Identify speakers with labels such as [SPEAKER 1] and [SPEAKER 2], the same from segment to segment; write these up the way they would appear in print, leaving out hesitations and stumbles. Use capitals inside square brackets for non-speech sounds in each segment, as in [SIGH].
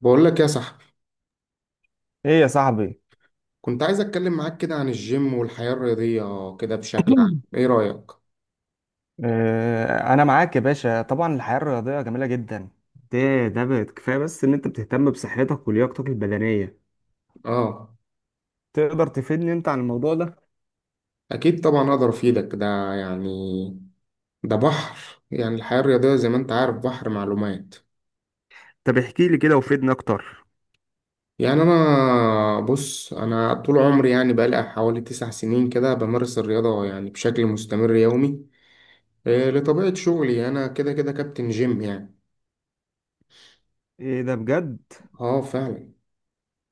[SPEAKER 1] بقول لك يا صاحبي،
[SPEAKER 2] ايه يا صاحبي.
[SPEAKER 1] كنت عايز اتكلم معاك كده عن الجيم والحياة الرياضية، كده بشكل عام،
[SPEAKER 2] [COUGHS]
[SPEAKER 1] ايه رأيك؟
[SPEAKER 2] انا معاك يا باشا. طبعا الحياه الرياضيه جميله جدا. ده بقت كفايه، بس ان انت بتهتم بصحتك ولياقتك البدنيه.
[SPEAKER 1] اه،
[SPEAKER 2] تقدر تفيدني انت عن الموضوع ده؟
[SPEAKER 1] اكيد طبعا اقدر افيدك، ده يعني ده بحر يعني، الحياة الرياضية زي ما انت عارف بحر معلومات.
[SPEAKER 2] طب احكي لي كده وفيدني اكتر.
[SPEAKER 1] يعني انا، بص، انا طول عمري يعني بقالي حوالي 9 سنين كده بمارس الرياضة يعني بشكل مستمر يومي. إيه، لطبيعة شغلي انا كده كده كابتن جيم يعني.
[SPEAKER 2] ايه ده؟ بجد؟
[SPEAKER 1] اه، فعلا.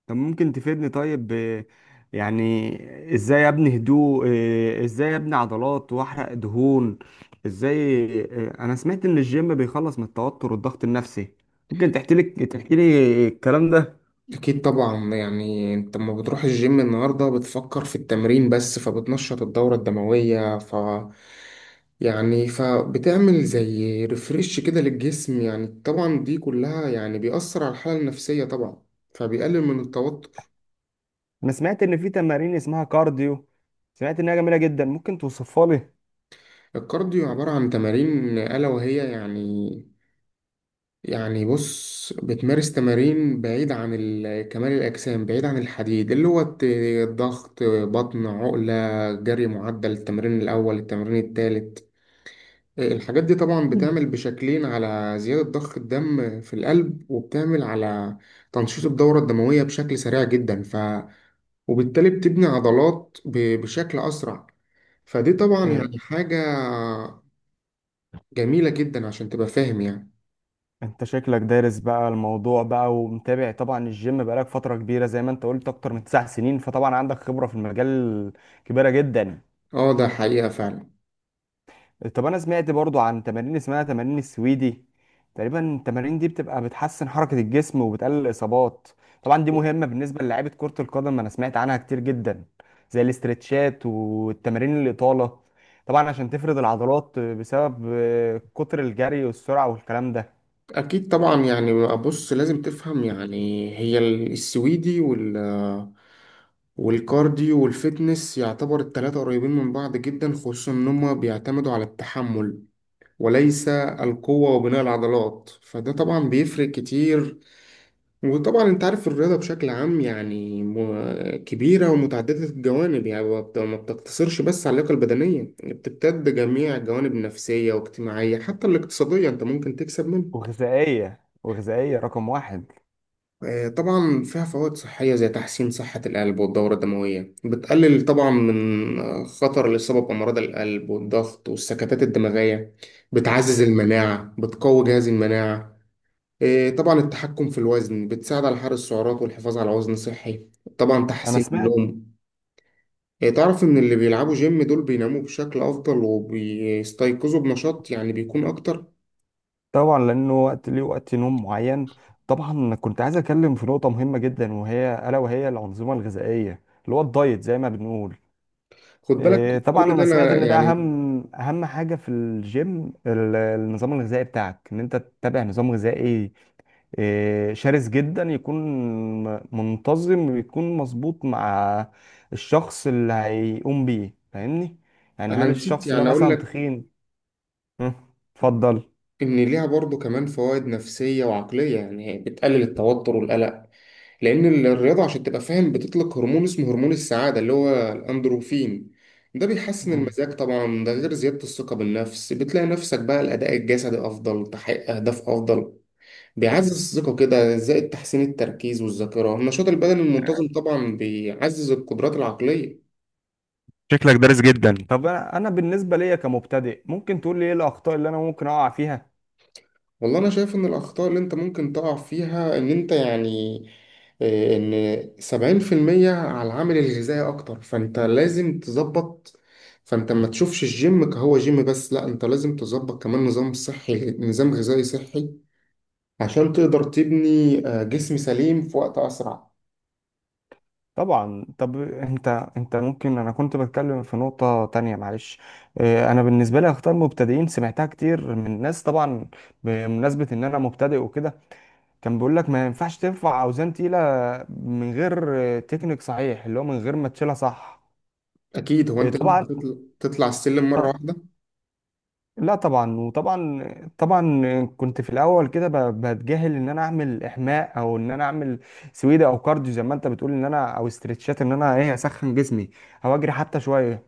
[SPEAKER 2] طب ممكن تفيدني؟ طيب يعني ازاي ابني هدوء؟ ازاي ابني عضلات واحرق دهون؟ ازاي؟ انا سمعت ان الجيم بيخلص من التوتر والضغط النفسي. ممكن تحكي لي الكلام ده؟
[SPEAKER 1] أكيد طبعا، يعني أنت لما بتروح الجيم النهاردة بتفكر في التمرين بس، فبتنشط الدورة الدموية، يعني فبتعمل زي ريفريش كده للجسم يعني، طبعا دي كلها يعني بيأثر على الحالة النفسية، طبعا فبيقلل من التوتر.
[SPEAKER 2] انا سمعت ان في تمارين اسمها كارديو. سمعت انها جميله جدا، ممكن توصفها لي؟
[SPEAKER 1] الكارديو عبارة عن تمارين ألا وهي يعني بص بتمارس تمارين بعيد عن كمال الأجسام، بعيد عن الحديد اللي هو الضغط، بطن، عقلة، جري، معدل، التمرين الأول، التمرين التالت. الحاجات دي طبعا
[SPEAKER 2] مم.
[SPEAKER 1] بتعمل بشكلين على زيادة ضخ الدم في القلب، وبتعمل على تنشيط الدورة الدموية بشكل سريع جدا، وبالتالي بتبني عضلات بشكل أسرع، فدي طبعا
[SPEAKER 2] آه،
[SPEAKER 1] يعني حاجة جميلة جدا عشان تبقى فاهم يعني.
[SPEAKER 2] انت شكلك دارس بقى الموضوع بقى ومتابع. طبعا الجيم بقالك فتره كبيره زي ما انت قلت اكتر من 9 سنين، فطبعا عندك خبره في المجال كبيره جدا.
[SPEAKER 1] اه، ده حقيقة فعلا.
[SPEAKER 2] طب انا سمعت برضو عن تمارين اسمها تمارين السويدي. تقريبا التمارين دي بتبقى بتحسن حركة الجسم وبتقلل الاصابات. طبعا دي مهمة بالنسبة للاعيبة كرة القدم، انا سمعت عنها كتير جدا. زي الاسترتشات والتمارين الإطالة. طبعا عشان تفرد العضلات بسبب كتر الجري والسرعة والكلام ده.
[SPEAKER 1] أكيد طبعا، يعني بص، لازم تفهم، يعني هي السويدي والكارديو والفيتنس، يعتبر التلاتة قريبين من بعض جدا، خصوصا إن هما بيعتمدوا على التحمل وليس القوة وبناء العضلات، فده طبعا بيفرق كتير. وطبعا انت عارف الرياضة بشكل عام، يعني كبيرة ومتعددة الجوانب، يعني ما بتقتصرش بس على اللياقة البدنية، بتمتد جميع الجوانب النفسية واجتماعية حتى الاقتصادية، انت ممكن تكسب منها.
[SPEAKER 2] وغذائية، وغذائية رقم واحد.
[SPEAKER 1] طبعا فيها فوائد صحية زي تحسين صحة القلب والدورة الدموية، بتقلل طبعا من خطر الإصابة بأمراض القلب والضغط والسكتات الدماغية، بتعزز المناعة، بتقوي جهاز المناعة. طبعا التحكم في الوزن، بتساعد على حرق السعرات والحفاظ على وزن صحي، طبعا
[SPEAKER 2] انا
[SPEAKER 1] تحسين
[SPEAKER 2] سمعت.
[SPEAKER 1] النوم، تعرف إن اللي بيلعبوا جيم دول بيناموا بشكل أفضل وبيستيقظوا بنشاط، يعني بيكون أكتر.
[SPEAKER 2] طبعا لانه وقت ليه وقت نوم معين. طبعا كنت عايز اتكلم في نقطه مهمه جدا، الا وهي الانظمه الغذائيه اللي هو الدايت زي ما بنقول.
[SPEAKER 1] خد بالك،
[SPEAKER 2] طبعا
[SPEAKER 1] كل ده
[SPEAKER 2] انا سمعت
[SPEAKER 1] أنا
[SPEAKER 2] ان ده
[SPEAKER 1] يعني،
[SPEAKER 2] اهم حاجه في الجيم، النظام الغذائي بتاعك ان انت تتبع نظام غذائي. شرس جدا يكون. منتظم ويكون مظبوط مع الشخص اللي هيقوم بيه. فاهمني؟ يعني
[SPEAKER 1] أنا
[SPEAKER 2] هل
[SPEAKER 1] نسيت
[SPEAKER 2] الشخص ده
[SPEAKER 1] يعني أقول
[SPEAKER 2] مثلا
[SPEAKER 1] لك
[SPEAKER 2] تخين؟ مم، اتفضل.
[SPEAKER 1] إن ليها برضو كمان فوائد نفسية وعقلية، يعني هي بتقلل التوتر والقلق، لأن الرياضة عشان تبقى فاهم بتطلق هرمون اسمه هرمون السعادة اللي هو الأندروفين، ده بيحسن
[SPEAKER 2] مم.
[SPEAKER 1] المزاج، طبعا ده غير زيادة الثقة بالنفس، بتلاقي نفسك بقى الأداء الجسدي أفضل، تحقيق أهداف أفضل، بيعزز الثقة كده زائد تحسين التركيز والذاكرة، النشاط البدني المنتظم طبعا بيعزز القدرات العقلية.
[SPEAKER 2] شكلك دارس جدا. طب انا بالنسبه ليا كمبتدئ، ممكن تقول لي ايه الاخطاء اللي انا ممكن اقع فيها؟
[SPEAKER 1] والله انا شايف ان الاخطاء اللي انت ممكن تقع فيها ان انت يعني، ان 70% على العامل الغذائي اكتر، فانت لازم تظبط. فانت ما تشوفش الجيم كهو جيم بس، لا انت لازم تظبط كمان نظام صحي، نظام غذائي صحي، عشان تقدر تبني جسم سليم في وقت اسرع.
[SPEAKER 2] طبعا. طب انت انت ممكن انا كنت بتكلم في نقطه تانية، معلش. انا بالنسبه لي اخطاء المبتدئين سمعتها كتير من ناس طبعا، بمناسبه ان انا مبتدئ وكده. كان بيقول لك ما ينفعش ترفع اوزان تقيله من غير تكنيك صحيح، اللي هو من غير ما تشيلها صح.
[SPEAKER 1] اكيد، هو انت
[SPEAKER 2] طبعا.
[SPEAKER 1] ينفع تطلع السلم مرة واحدة؟
[SPEAKER 2] لا طبعا، وطبعا. طبعا كنت في الاول كده بتجاهل ان انا اعمل احماء، او ان انا اعمل سويدة او كارديو زي ما انت بتقول ان انا، او استرتشات ان انا اسخن جسمي او اجري حتى شويه.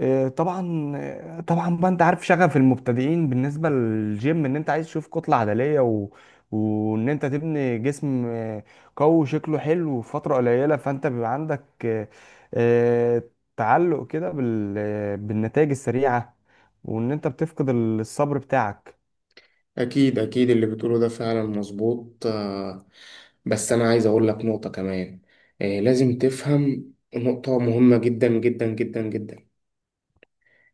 [SPEAKER 2] طبعا. طبعا بقى انت عارف شغف المبتدئين بالنسبه للجيم ان انت عايز تشوف كتله عضليه وان انت تبني جسم قوي شكله حلو في فتره قليله، فانت بيبقى عندك آه، تعلق كده بالنتائج السريعه. وان انت بتفقد الصبر بتاعك.
[SPEAKER 1] أكيد أكيد اللي بتقوله ده فعلا مظبوط، بس أنا عايز أقول لك نقطة كمان. لازم تفهم نقطة مهمة جدا جدا جدا جدا،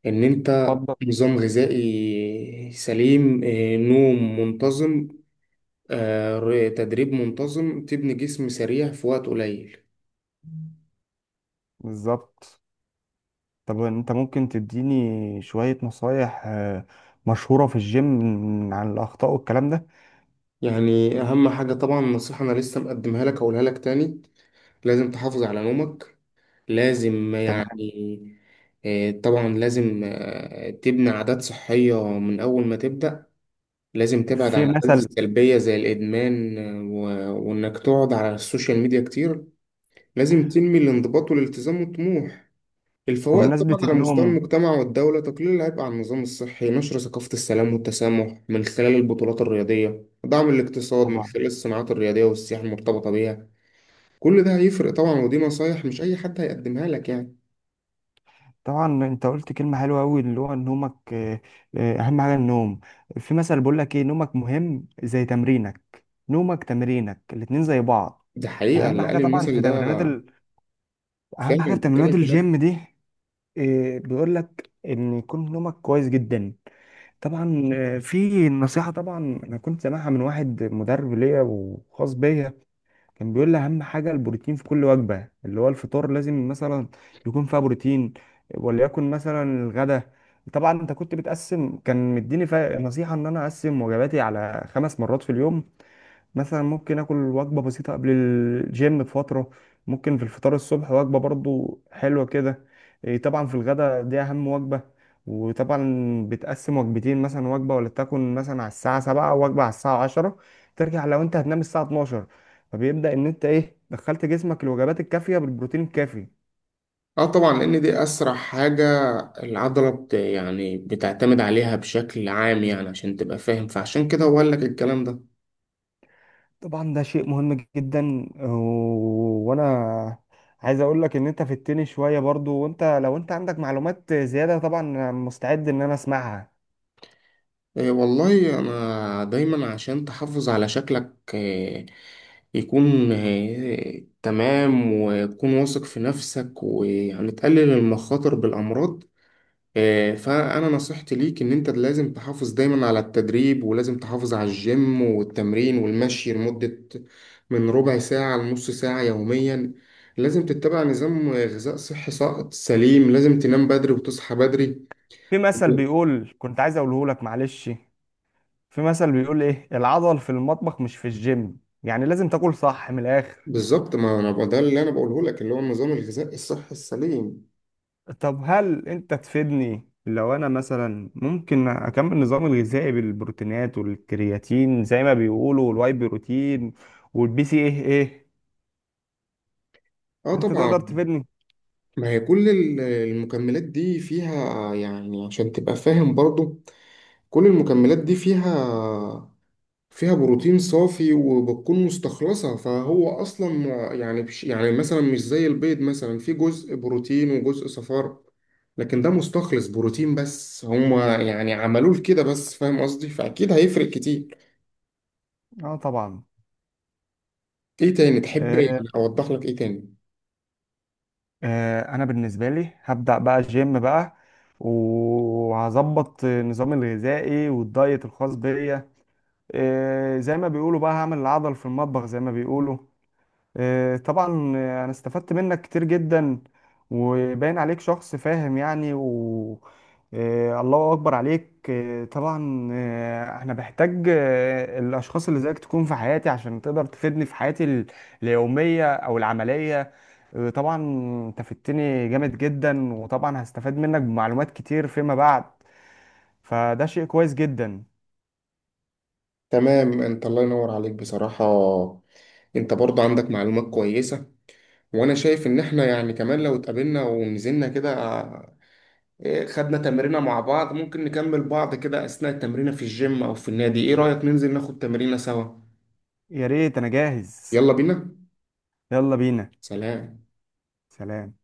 [SPEAKER 1] إن أنت
[SPEAKER 2] اتفضل.
[SPEAKER 1] نظام غذائي سليم، نوم منتظم، تدريب منتظم، تبني جسم سريع في وقت قليل.
[SPEAKER 2] بالظبط. طب انت ممكن تديني شويه نصايح مشهوره في الجيم عن الاخطاء والكلام ده؟
[SPEAKER 1] يعني أهم حاجة طبعا، نصيحة أنا لسه مقدمها لك، أقولها لك تاني، لازم تحافظ على نومك، لازم
[SPEAKER 2] تمام.
[SPEAKER 1] يعني، طبعا لازم تبني عادات صحية من أول ما تبدأ. لازم تبعد عن
[SPEAKER 2] في
[SPEAKER 1] العادات
[SPEAKER 2] مثل.
[SPEAKER 1] السلبية زي الإدمان، آه، و- وإنك تقعد على السوشيال ميديا كتير. لازم تنمي الانضباط والالتزام والطموح. الفوائد
[SPEAKER 2] بمناسبه
[SPEAKER 1] طبعا على مستوى
[SPEAKER 2] النوم
[SPEAKER 1] المجتمع والدولة، تقليل العبء على النظام الصحي، نشر ثقافة السلام والتسامح من خلال البطولات الرياضية، دعم الاقتصاد من
[SPEAKER 2] طبعا.
[SPEAKER 1] خلال الصناعات الرياضية والسياحة المرتبطة بيها. كل ده هيفرق طبعا، ودي نصايح مش أي حد هيقدمها لك يعني.
[SPEAKER 2] طبعا انت قلت كلمة حلوة قوي اللي هو نومك. اهم حاجة النوم. في مثل بيقول لك ايه، نومك مهم زي تمرينك، نومك تمرينك الاتنين زي بعض.
[SPEAKER 1] دي حقيقة
[SPEAKER 2] فاهم
[SPEAKER 1] اللي
[SPEAKER 2] حاجة؟
[SPEAKER 1] قال
[SPEAKER 2] طبعا
[SPEAKER 1] المثل ده.
[SPEAKER 2] اهم
[SPEAKER 1] فعلا
[SPEAKER 2] حاجة في
[SPEAKER 1] بيتكلم
[SPEAKER 2] تمرينات
[SPEAKER 1] بجد.
[SPEAKER 2] الجيم دي. بيقول لك ان يكون نومك كويس جدا. طبعا. في نصيحة طبعا، انا كنت سامعها من واحد مدرب ليا وخاص بيا، كان بيقول لي اهم حاجه البروتين في كل وجبه، اللي هو الفطار لازم مثلا يكون فيها بروتين، وليكن مثلا الغداء. طبعا انت كنت بتقسم، كان مديني نصيحه ان انا اقسم وجباتي على 5 مرات في اليوم. مثلا ممكن اكل وجبه بسيطه قبل الجيم بفتره، ممكن في الفطار الصبح وجبه برضو حلوه كده. إيه طبعا، في الغداء دي اهم وجبه. وطبعا بتقسم وجبتين مثلا، وجبه ولا تكون مثلا على الساعه 7، وجبه على الساعه 10، ترجع لو انت هتنام الساعه 12. فبيبدا ان انت دخلت جسمك الوجبات الكافيه بالبروتين الكافي.
[SPEAKER 1] اه طبعا، لان دي اسرع حاجة، العضلة يعني بتعتمد عليها بشكل عام، يعني عشان تبقى فاهم، فعشان كده هو قال لك الكلام ده.
[SPEAKER 2] طبعا ده شيء مهم جدا، وانا عايز اقول لك ان انت في التاني شويه برضو، وانت لو انت عندك معلومات زياده طبعا أنا مستعد ان انا اسمعها.
[SPEAKER 1] إيه، والله انا دايما عشان تحافظ على شكلك، إيه يكون، إيه تمام وتكون واثق في نفسك، ويعني تقلل المخاطر بالامراض. فأنا نصيحتي ليك إن أنت لازم تحافظ دايما على التدريب، ولازم تحافظ على الجيم والتمرين والمشي لمدة من ربع ساعة لنص ساعة يوميا، لازم تتبع نظام غذاء صحي، سليم، لازم تنام بدري وتصحى بدري.
[SPEAKER 2] في مثل بيقول، كنت عايز اقوله لك معلش. في مثل بيقول ايه، العضل في المطبخ مش في الجيم، يعني لازم تاكل صح من الاخر.
[SPEAKER 1] بالظبط، ما أنا بقى ده اللي أنا بقوله لك، اللي هو النظام الغذائي الصحي السليم.
[SPEAKER 2] طب هل انت تفيدني لو انا مثلا ممكن اكمل نظامي الغذائي بالبروتينات والكرياتين زي ما بيقولوا، والواي بروتين والبي سي ايه ايه؟ انت
[SPEAKER 1] طبعا،
[SPEAKER 2] تقدر تفيدني؟
[SPEAKER 1] ما هي كل المكملات دي فيها يعني، عشان تبقى فاهم برضو، كل المكملات دي فيها، بروتين صافي وبتكون مستخلصة، فهو أصلا يعني يعني مثلا مش زي البيض، مثلا في جزء بروتين وجزء صفار، لكن ده مستخلص بروتين بس، هما يعني عملوه كده بس، فاهم قصدي؟ فأكيد هيفرق كتير.
[SPEAKER 2] اه طبعا.
[SPEAKER 1] إيه تاني تحب
[SPEAKER 2] آه
[SPEAKER 1] يعني أوضح لك، إيه تاني؟
[SPEAKER 2] انا بالنسبه لي هبدا بقى جيم بقى، وهظبط نظامي الغذائي والدايت الخاص بيا. زي ما بيقولوا بقى هعمل العضل في المطبخ زي ما بيقولوا. طبعا، انا استفدت منك كتير جدا، وباين عليك شخص فاهم يعني، و آه، الله اكبر عليك. طبعا انا بحتاج الاشخاص اللي زيك تكون في حياتي عشان تقدر تفيدني في حياتي اليومية او العملية. طبعا. انت فدتني جامد جدا وطبعا هستفاد منك بمعلومات كتير فيما بعد، فده شيء كويس جدا.
[SPEAKER 1] تمام، أنت الله ينور عليك بصراحة، أنت برضه عندك معلومات كويسة، وأنا شايف إن إحنا يعني كمان لو اتقابلنا ونزلنا كده، إيه، خدنا تمرينة مع بعض، ممكن نكمل بعض كده أثناء التمرينة في الجيم أو في النادي، إيه رأيك ننزل ناخد تمرينة سوا؟
[SPEAKER 2] يا ريت، انا جاهز.
[SPEAKER 1] يلا بينا،
[SPEAKER 2] يلا بينا.
[SPEAKER 1] سلام.
[SPEAKER 2] سلام.